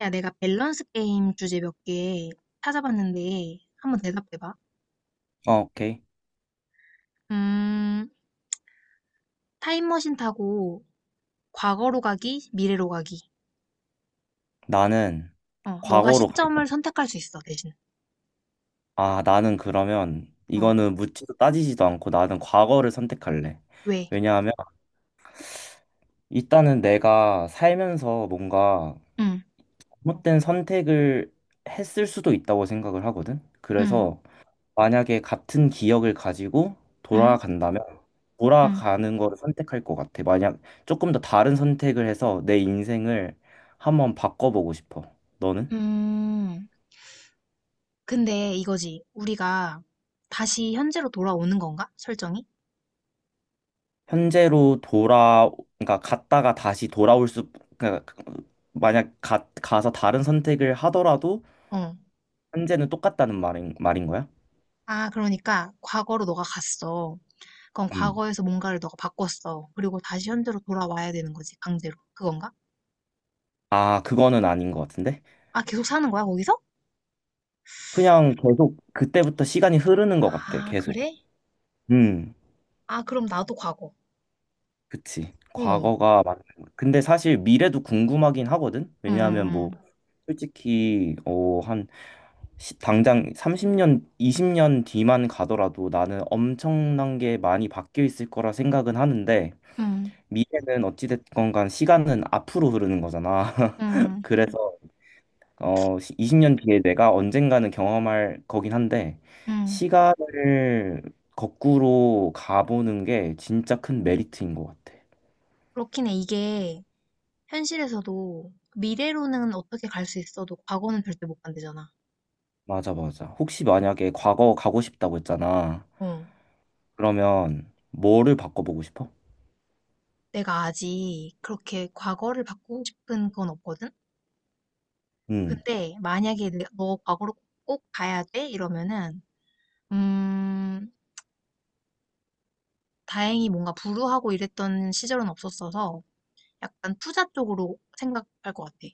야, 내가 밸런스 게임 주제 몇 개 찾아봤는데 한번 대답해봐. 어, 오케이. 음, 타임머신 타고 과거로 가기, 미래로 가기. 나는 너가 과거로 갈 거야. 시점을 선택할 수 있어, 대신. 아, 나는 그러면 어, 이거는 묻지도 따지지도 않고 나는 과거를 선택할래. 왜? 왜냐하면 일단은 내가 살면서 뭔가 응, 잘못된 선택을 했을 수도 있다고 생각을 하거든. 응, 그래서 만약에 같은 기억을 가지고 응, 돌아간다면 응. 돌아가는 거를 선택할 것 같아. 만약 조금 더 다른 선택을 해서 내 인생을 한번 바꿔보고 싶어. 너는? 음, 근데 이거지. 우리가 다시 현재로 돌아오는 건가? 설정이? 현재로 돌아, 그러니까 갔다가 다시 돌아올 수, 그러니까 만약 가서 다른 선택을 하더라도 어. 현재는 똑같다는 말인 거야? 아, 그러니까 과거로 너가 갔어. 그럼 음. 과거에서 뭔가를 너가 바꿨어. 그리고 다시 현재로 돌아와야 되는 거지, 강제로. 그건가? 아, 그거는 아닌 것 같은데? 아, 계속 사는 거야, 거기서? 그냥 계속 그때부터 시간이 흐르는 것 같아, 아, 계속. 그래? 음, 아, 그럼 나도 과거. 그치. 어. 과거가 맞는 거. 근데 사실 미래도 궁금하긴 하거든? 음, 왜냐하면 뭐, 음, 솔직히, 당장 30년, 20년 뒤만 가더라도 나는 엄청난 게 많이 바뀌어 있을 거라 생각은 하는데 미래는 어찌됐건 간 시간은 앞으로 흐르는 거잖아. 음, 그래서 20년 뒤에 내가 언젠가는 경험할 거긴 한데 음. 시간을 거꾸로 가보는 게 진짜 큰 메리트인 것 같아. 그렇긴 해. 이게 현실에서도 미래로는 어떻게 갈 수 있어도 과거는 절대 못 간대잖아. 맞아, 맞아. 혹시 만약에 과거 가고 싶다고 했잖아. 어. 그러면 뭐를 바꿔보고 싶어? 내가 아직 그렇게 과거를 바꾸고 싶은 건 없거든? 음. 근데 만약에 너 과거로 꼭 가야 돼? 이러면은, 음, 다행히 뭔가 불우하고 이랬던 시절은 없었어서 약간 투자 쪽으로 생각할 것 같아.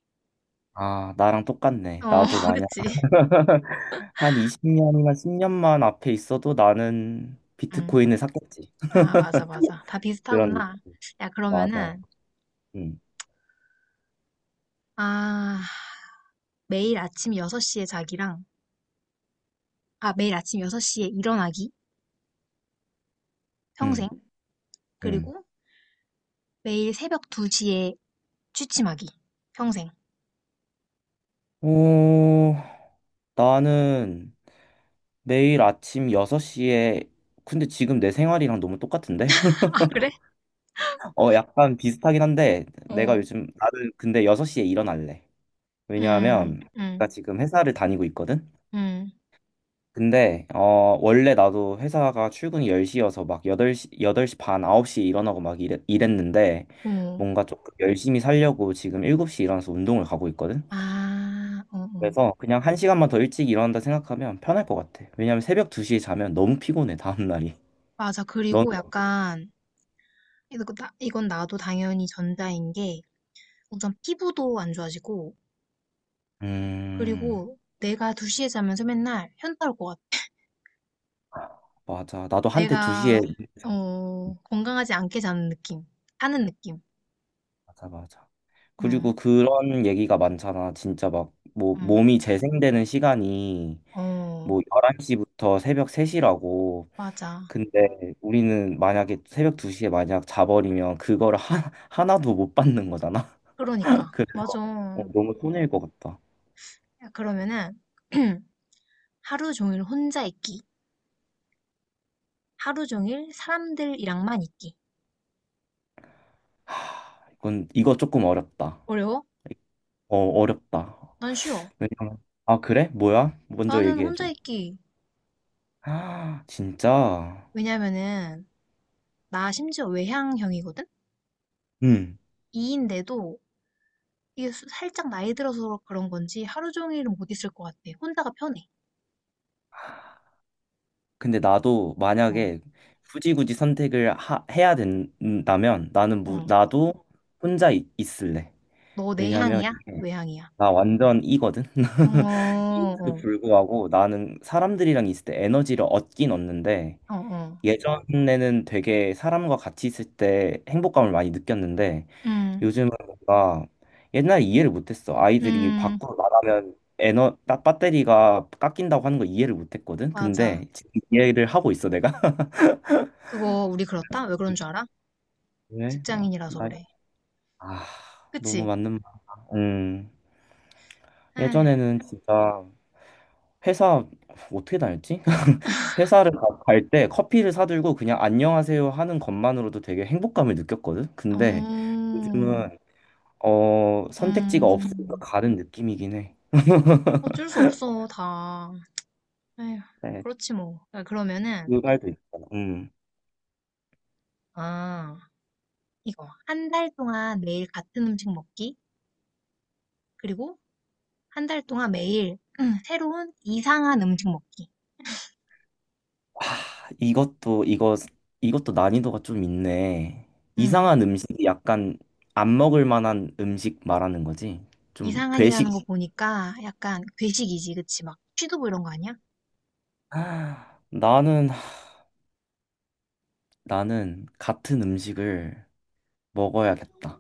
아, 나랑 똑같네. 어, 나도 만약 그치. 한 20년이나 10년만 앞에 있어도 나는 음. 비트코인을 샀겠지. 아, 맞아, 맞아. 다 그런 느낌. 비슷하구나. 야, 맞아. 그러면은, 응, 아, 매일 아침 6시에 자기랑, 아, 매일 아침 6시에 일어나기, 평생. 응, 응. 그리고 매일 새벽 2시에 취침하기, 평생. 어, 나는 매일 아침 6시에, 근데 지금 내 생활이랑 너무 똑같은데? 아, 그래? 어, 약간 비슷하긴 한데, 내가 어, 요즘, 나는 근데 6시에 일어날래. 음, 왜냐하면, 음, 내가 지금 회사를 다니고 있거든? 음, 근데 원래 나도 회사가 출근이 10시여서 막 8시 여덟 시반 9시에 일어나고 막 이랬는데 어. 뭔가 조금 열심히 살려고 지금 7시에 일어나서 운동을 가고 있거든. 아, 어, 어. 그래서 그냥 한시간만더 일찍 일어난다 생각하면 편할 것 같아. 왜냐면 새벽 2시에 자면 너무 피곤해 다음 날이. 맞아. 넌 그리고 약간, 이거 이건 나도 당연히 전자인 게, 우선 피부도 안 좋아지고, 음. 그리고 내가 2시에 자면서 맨날 현타 올것 맞아. 나도 한때 내가 2시에. 건강하지 않게 자는 느낌, 사는 느낌. 맞아, 맞아. 그리고 음, 그런 얘기가 많잖아. 진짜 막 뭐 응. 몸이 재생되는 시간이 어, 뭐 11시부터 새벽 3시라고. 맞아. 근데 우리는 만약에 새벽 2시에 만약 자버리면 그거를 하나도 못 받는 거잖아. 그러니까 그래서 맞아. 너무 손해일 것 같다. 야, 그러면은, 하루 종일 혼자 있기, 하루 종일 사람들이랑만 있기. 하, 이건 이거 조금 어렵다. 어려워? 어, 어렵다. 난 쉬워. 왜냐면. 아, 그래? 뭐야? 먼저 나는 얘기해 혼자 줘. 있기. 아, 진짜. 왜냐면은 나 심지어 외향형이거든. 음. 이인데도 이게 살짝 나이 들어서 그런 건지 하루 종일은 못 있을 것 같아. 혼자가 편해. 근데 나도 어, 만약에 굳이 굳이 선택을 해야 된다면 나는 어. 나도 혼자 있을래. 너 왜냐면 내향이야? 이게 외향이야? 나 완전 이거든. 어, 그 어, 불구하고 나는 사람들이랑 있을 때 에너지를 얻긴 얻는데 어, 어. 예전에는 되게 사람과 같이 있을 때 행복감을 많이 느꼈는데 음, 요즘은 뭔가 옛날에 이해를 못했어. 아이들이 음, 밖으로 나가면 에너 딱 배터리가 깎인다고 하는 걸 이해를 못했거든. 맞아. 근데 지금 이해를 하고 있어 내가. 그거 우리 그렇다? 왜 그런 줄 알아? 왜? 나, 직장인이라서 나, 그래. 아 너무 그치? 맞는 말. 음 에이, 예전에는 진짜 회사 어떻게 다녔지? 회사를 갈 때 커피를 사들고 그냥 안녕하세요 하는 것만으로도 되게 행복감을 느꼈거든. 근데 음, 요즘은 선택지가 없으니까 음. 가는 느낌이긴 해. 어쩔 수 없어, 다. 에휴, 네, 그렇지 뭐. 아, 그 그러면은, 말도 있잖아. 아, 이거. 한 달 동안 매일 같은 음식 먹기. 그리고 한 달 동안 매일 새로운 이상한 음식 먹기. 이것도 이거 이것도 난이도가 좀 있네. 음, 이상한 음식이 약간 안 먹을 만한 음식 말하는 거지. 좀 이상한이라는 괴식. 거 보니까 약간 괴식이지, 그치? 막 취두부 이런 거 아니야? 아, 나는 같은 음식을 먹어야겠다.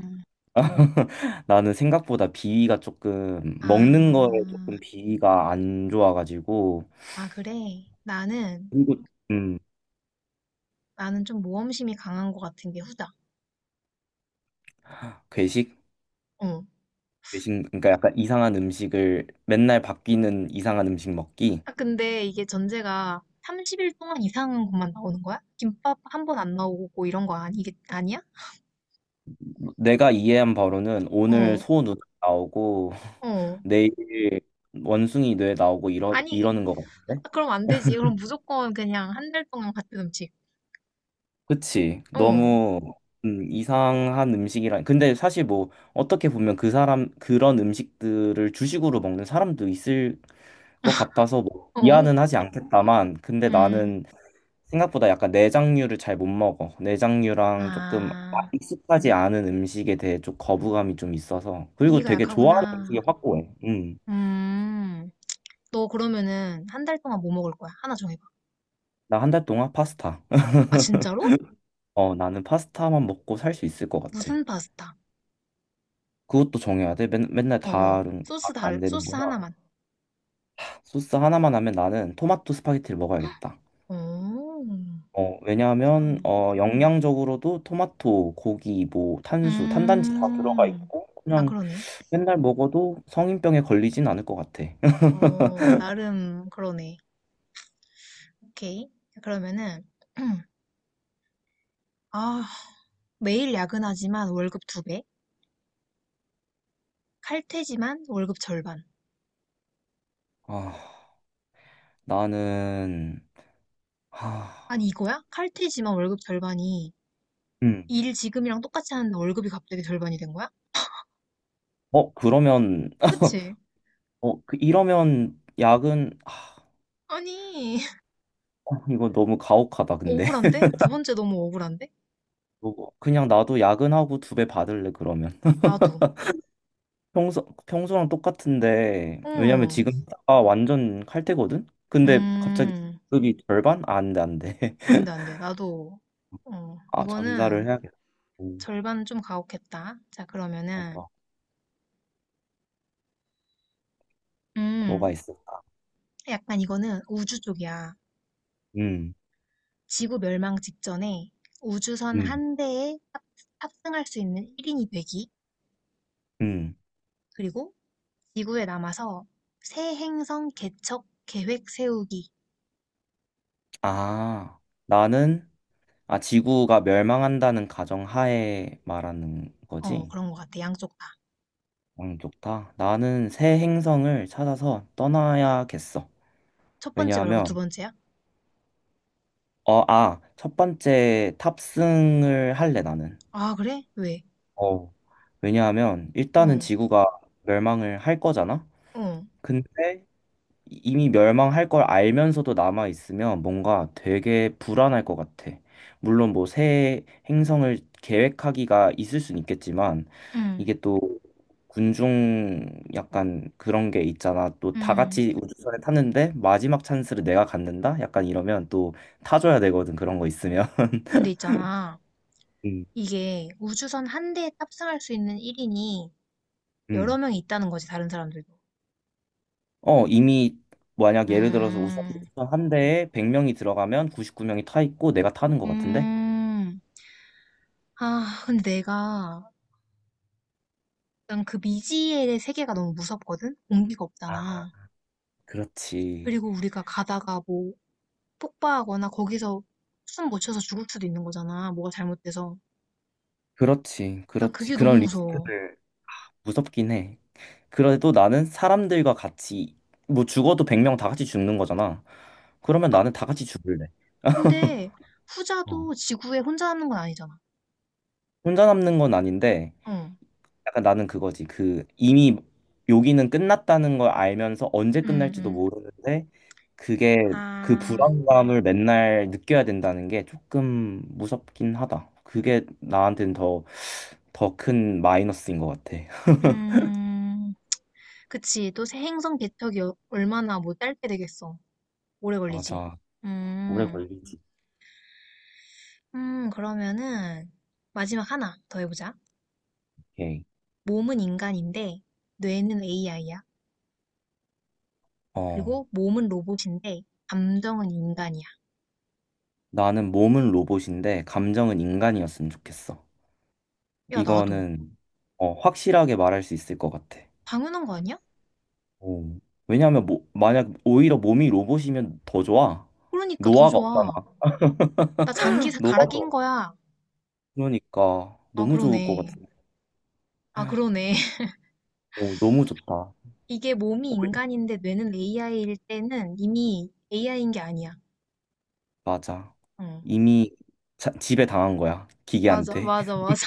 나는 생각보다 비위가 조금 먹는 거에 아, 조금 비위가 안 좋아가지고. 아, 그래. 나는, 그리고 음 나는 좀 모험심이 강한 것 같은 게 후다. 괴식 어. 괴식 그러니까 약간 이상한 음식을 맨날 바뀌는 이상한 음식 먹기. 아, 근데 이게 전제가 30일 동안 이상한 것만 나오는 거야? 김밥 한 번 안 나오고 이런 거 아니, 아니야? 내가 이해한 바로는 오늘 어, 소 눈 나오고 어. 내일 원숭이 뇌 나오고 이러 아니, 이러는 것 같은데. 아, 그럼 안 되지. 그럼 무조건 그냥 한 달 동안 같은 음식. 그치. 어, 너무 이상한 음식이라. 근데 사실 뭐 어떻게 보면 그 사람 그런 음식들을 주식으로 먹는 사람도 있을 것 같아서 뭐 어, 이해는 하지 않겠다만, 근데 음. 나는 생각보다 약간 내장류를 잘 못 먹어. 내장류랑 조금 아, 익숙하지 않은 음식에 대해 좀 거부감이 좀 있어서. 그리고 비위가 되게 좋아하는 음식이 약하구나. 확고해. 음. 음. 너 그러면은 한 달 동안 뭐 먹을 거야? 하나 정해봐. 나 한 달 동안 파스타. 아, 진짜로? 어, 나는 파스타만 먹고 살 수 있을 것 같아. 무슨 파스타? 그것도 정해야 돼. 맨날 어, 어. 다른 다른 안 소스 되는구나. 하나만. 소스 하나만 하면 나는 토마토 스파게티를 먹어야겠다. 오, 어, 그렇구나. 왜냐하면 영양적으로도 토마토, 고기, 뭐 탄단지 다 들어가 음, 있고 아, 그냥 그러네. 맨날 먹어도 성인병에 걸리진 않을 것 같아. 어, 나름 그러네. 오케이. 그러면은, 아, 매일 야근하지만 월급 두 배? 칼퇴지만 월급 절반. 아, 나는. 아니, 아, 이거야? 칼퇴지만 월급 절반이 음. 일 지금이랑 똑같이 하는데 월급이 갑자기 절반이 된 거야? 어, 그러면. 그치? 어, 이러면 야근 아, 아니, 이거 너무 가혹하다 근데. 억울한데? 두 번째 너무 억울한데? 그거 그냥 나도 야근하고 두 배 받을래 그러면. 나도. 평소랑 똑같은데, 왜냐면 응. 지금 아다 완전 칼퇴거든? 근데 갑자기 음, 급이 절반? 아, 안 돼, 안 돼. 안 돼, 안 돼. 나도, 아, 이거는 전자를 해야겠다. 음, 절반 좀 가혹했다. 자, 그러면은, 맞아. 뭐가 음, 있을까? 약간 이거는 우주 쪽이야. 음, 지구 멸망 직전에 우주선 음, 한 대에 탑승할 수 있는 1인이 되기. 음. 그리고 지구에 남아서 새 행성 개척 계획 세우기. 아, 나는. 아, 지구가 멸망한다는 가정하에 말하는 어, 거지? 그런 것 같아. 양쪽 다. 좋다. 나는 새 행성을 찾아서 떠나야겠어. 첫 번째 말고 두 왜냐하면, 번째야? 아, 첫 번째 탑승을 할래, 나는. 아, 그래? 왜? 어, 왜냐하면 일단은 어, 지구가 멸망을 할 거잖아? 어, 근데 이미 멸망할 걸 알면서도 남아 있으면 뭔가 되게 불안할 것 같아. 물론 뭐 새 행성을 계획하기가 있을 순 있겠지만 음, 이게 또 군중 약간 그런 게 있잖아. 또 다 음. 같이 우주선에 탔는데 마지막 찬스를 내가 갖는다? 약간 이러면 또 타줘야 되거든. 그런 거 있으면. 근데 있잖아. 음. 이게 우주선 한 대에 탑승할 수 있는 1인이 여러 음. 명이 있다는 거지, 다른 사람들도. 어, 이미 만약 예를 들어서 우선 음, 한 대에 100명이 들어가면 99명이 타 있고 내가 타는 것 같은데? 음, 아, 근데 내가, 난 그 미지의 세계가 너무 무섭거든? 공기가 아, 없잖아. 그렇지. 그리고 우리가 가다가 뭐, 폭파하거나 거기서 숨 못 쉬어서 죽을 수도 있는 거잖아. 뭐가 잘못돼서. 그렇지. 난 그렇지. 그게 너무 그런 무서워. 리스크들 무섭긴 해. 그래도 나는 사람들과 같이 뭐 죽어도 100명 다 같이 죽는 거잖아. 그러면 아, 나는 다 같이 죽을래. 근데 어. 후자도 지구에 혼자 남는 건 아니잖아. 혼자 남는 건 아닌데 어, 약간 나는 그거지. 그 이미 여기는 끝났다는 걸 알면서 언제 음, 끝날지도 음. 모르는데 그게 그 아, 불안감을 맨날 느껴야 된다는 게 조금 무섭긴 하다. 그게 나한테는 더, 큰 마이너스인 것 같아. 음. 그치. 또 새 행성 개척이 얼마나 뭐 짧게 되겠어. 오래 걸리지. 맞아. 오래 음, 걸리지. 그러면은 마지막 하나 더 해보자. 오케이. 몸은 인간인데 뇌는 AI야. 어, 그리고 몸은 로봇인데 감정은 인간이야. 나는 몸은 로봇인데 감정은 인간이었으면 좋겠어. 야, 나도. 이거는 확실하게 말할 수 있을 것 같아. 당연한 거 아니야? 오. 왜냐하면 뭐, 만약 오히려 몸이 로봇이면 더 좋아. 그러니까 더 노화가 없잖아. 좋아. 나 장기 갈아 낀 노화도. 거야. 그러니까 아, 너무 좋을 것 그러네. 같아. 아, 그러네. 오, 너무 좋다. 이게 몸이 인간인데 뇌는 AI일 때는 이미 AI인 게 아니야. 맞아. 응. 이미 지배 당한 거야. 맞아, 기계한테. 맞아, 맞아.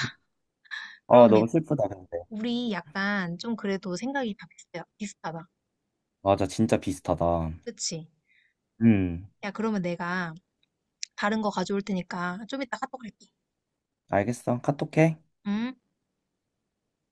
아, 그러네. 너무 슬프다, 근데. 우리 약간 좀 그래도 생각이 다 비슷해, 비슷하다. 맞아, 진짜 비슷하다. 그치? 음, 야, 그러면 내가 다른 거 가져올 테니까 좀 이따 카톡 할게. 알겠어. 카톡해. 응?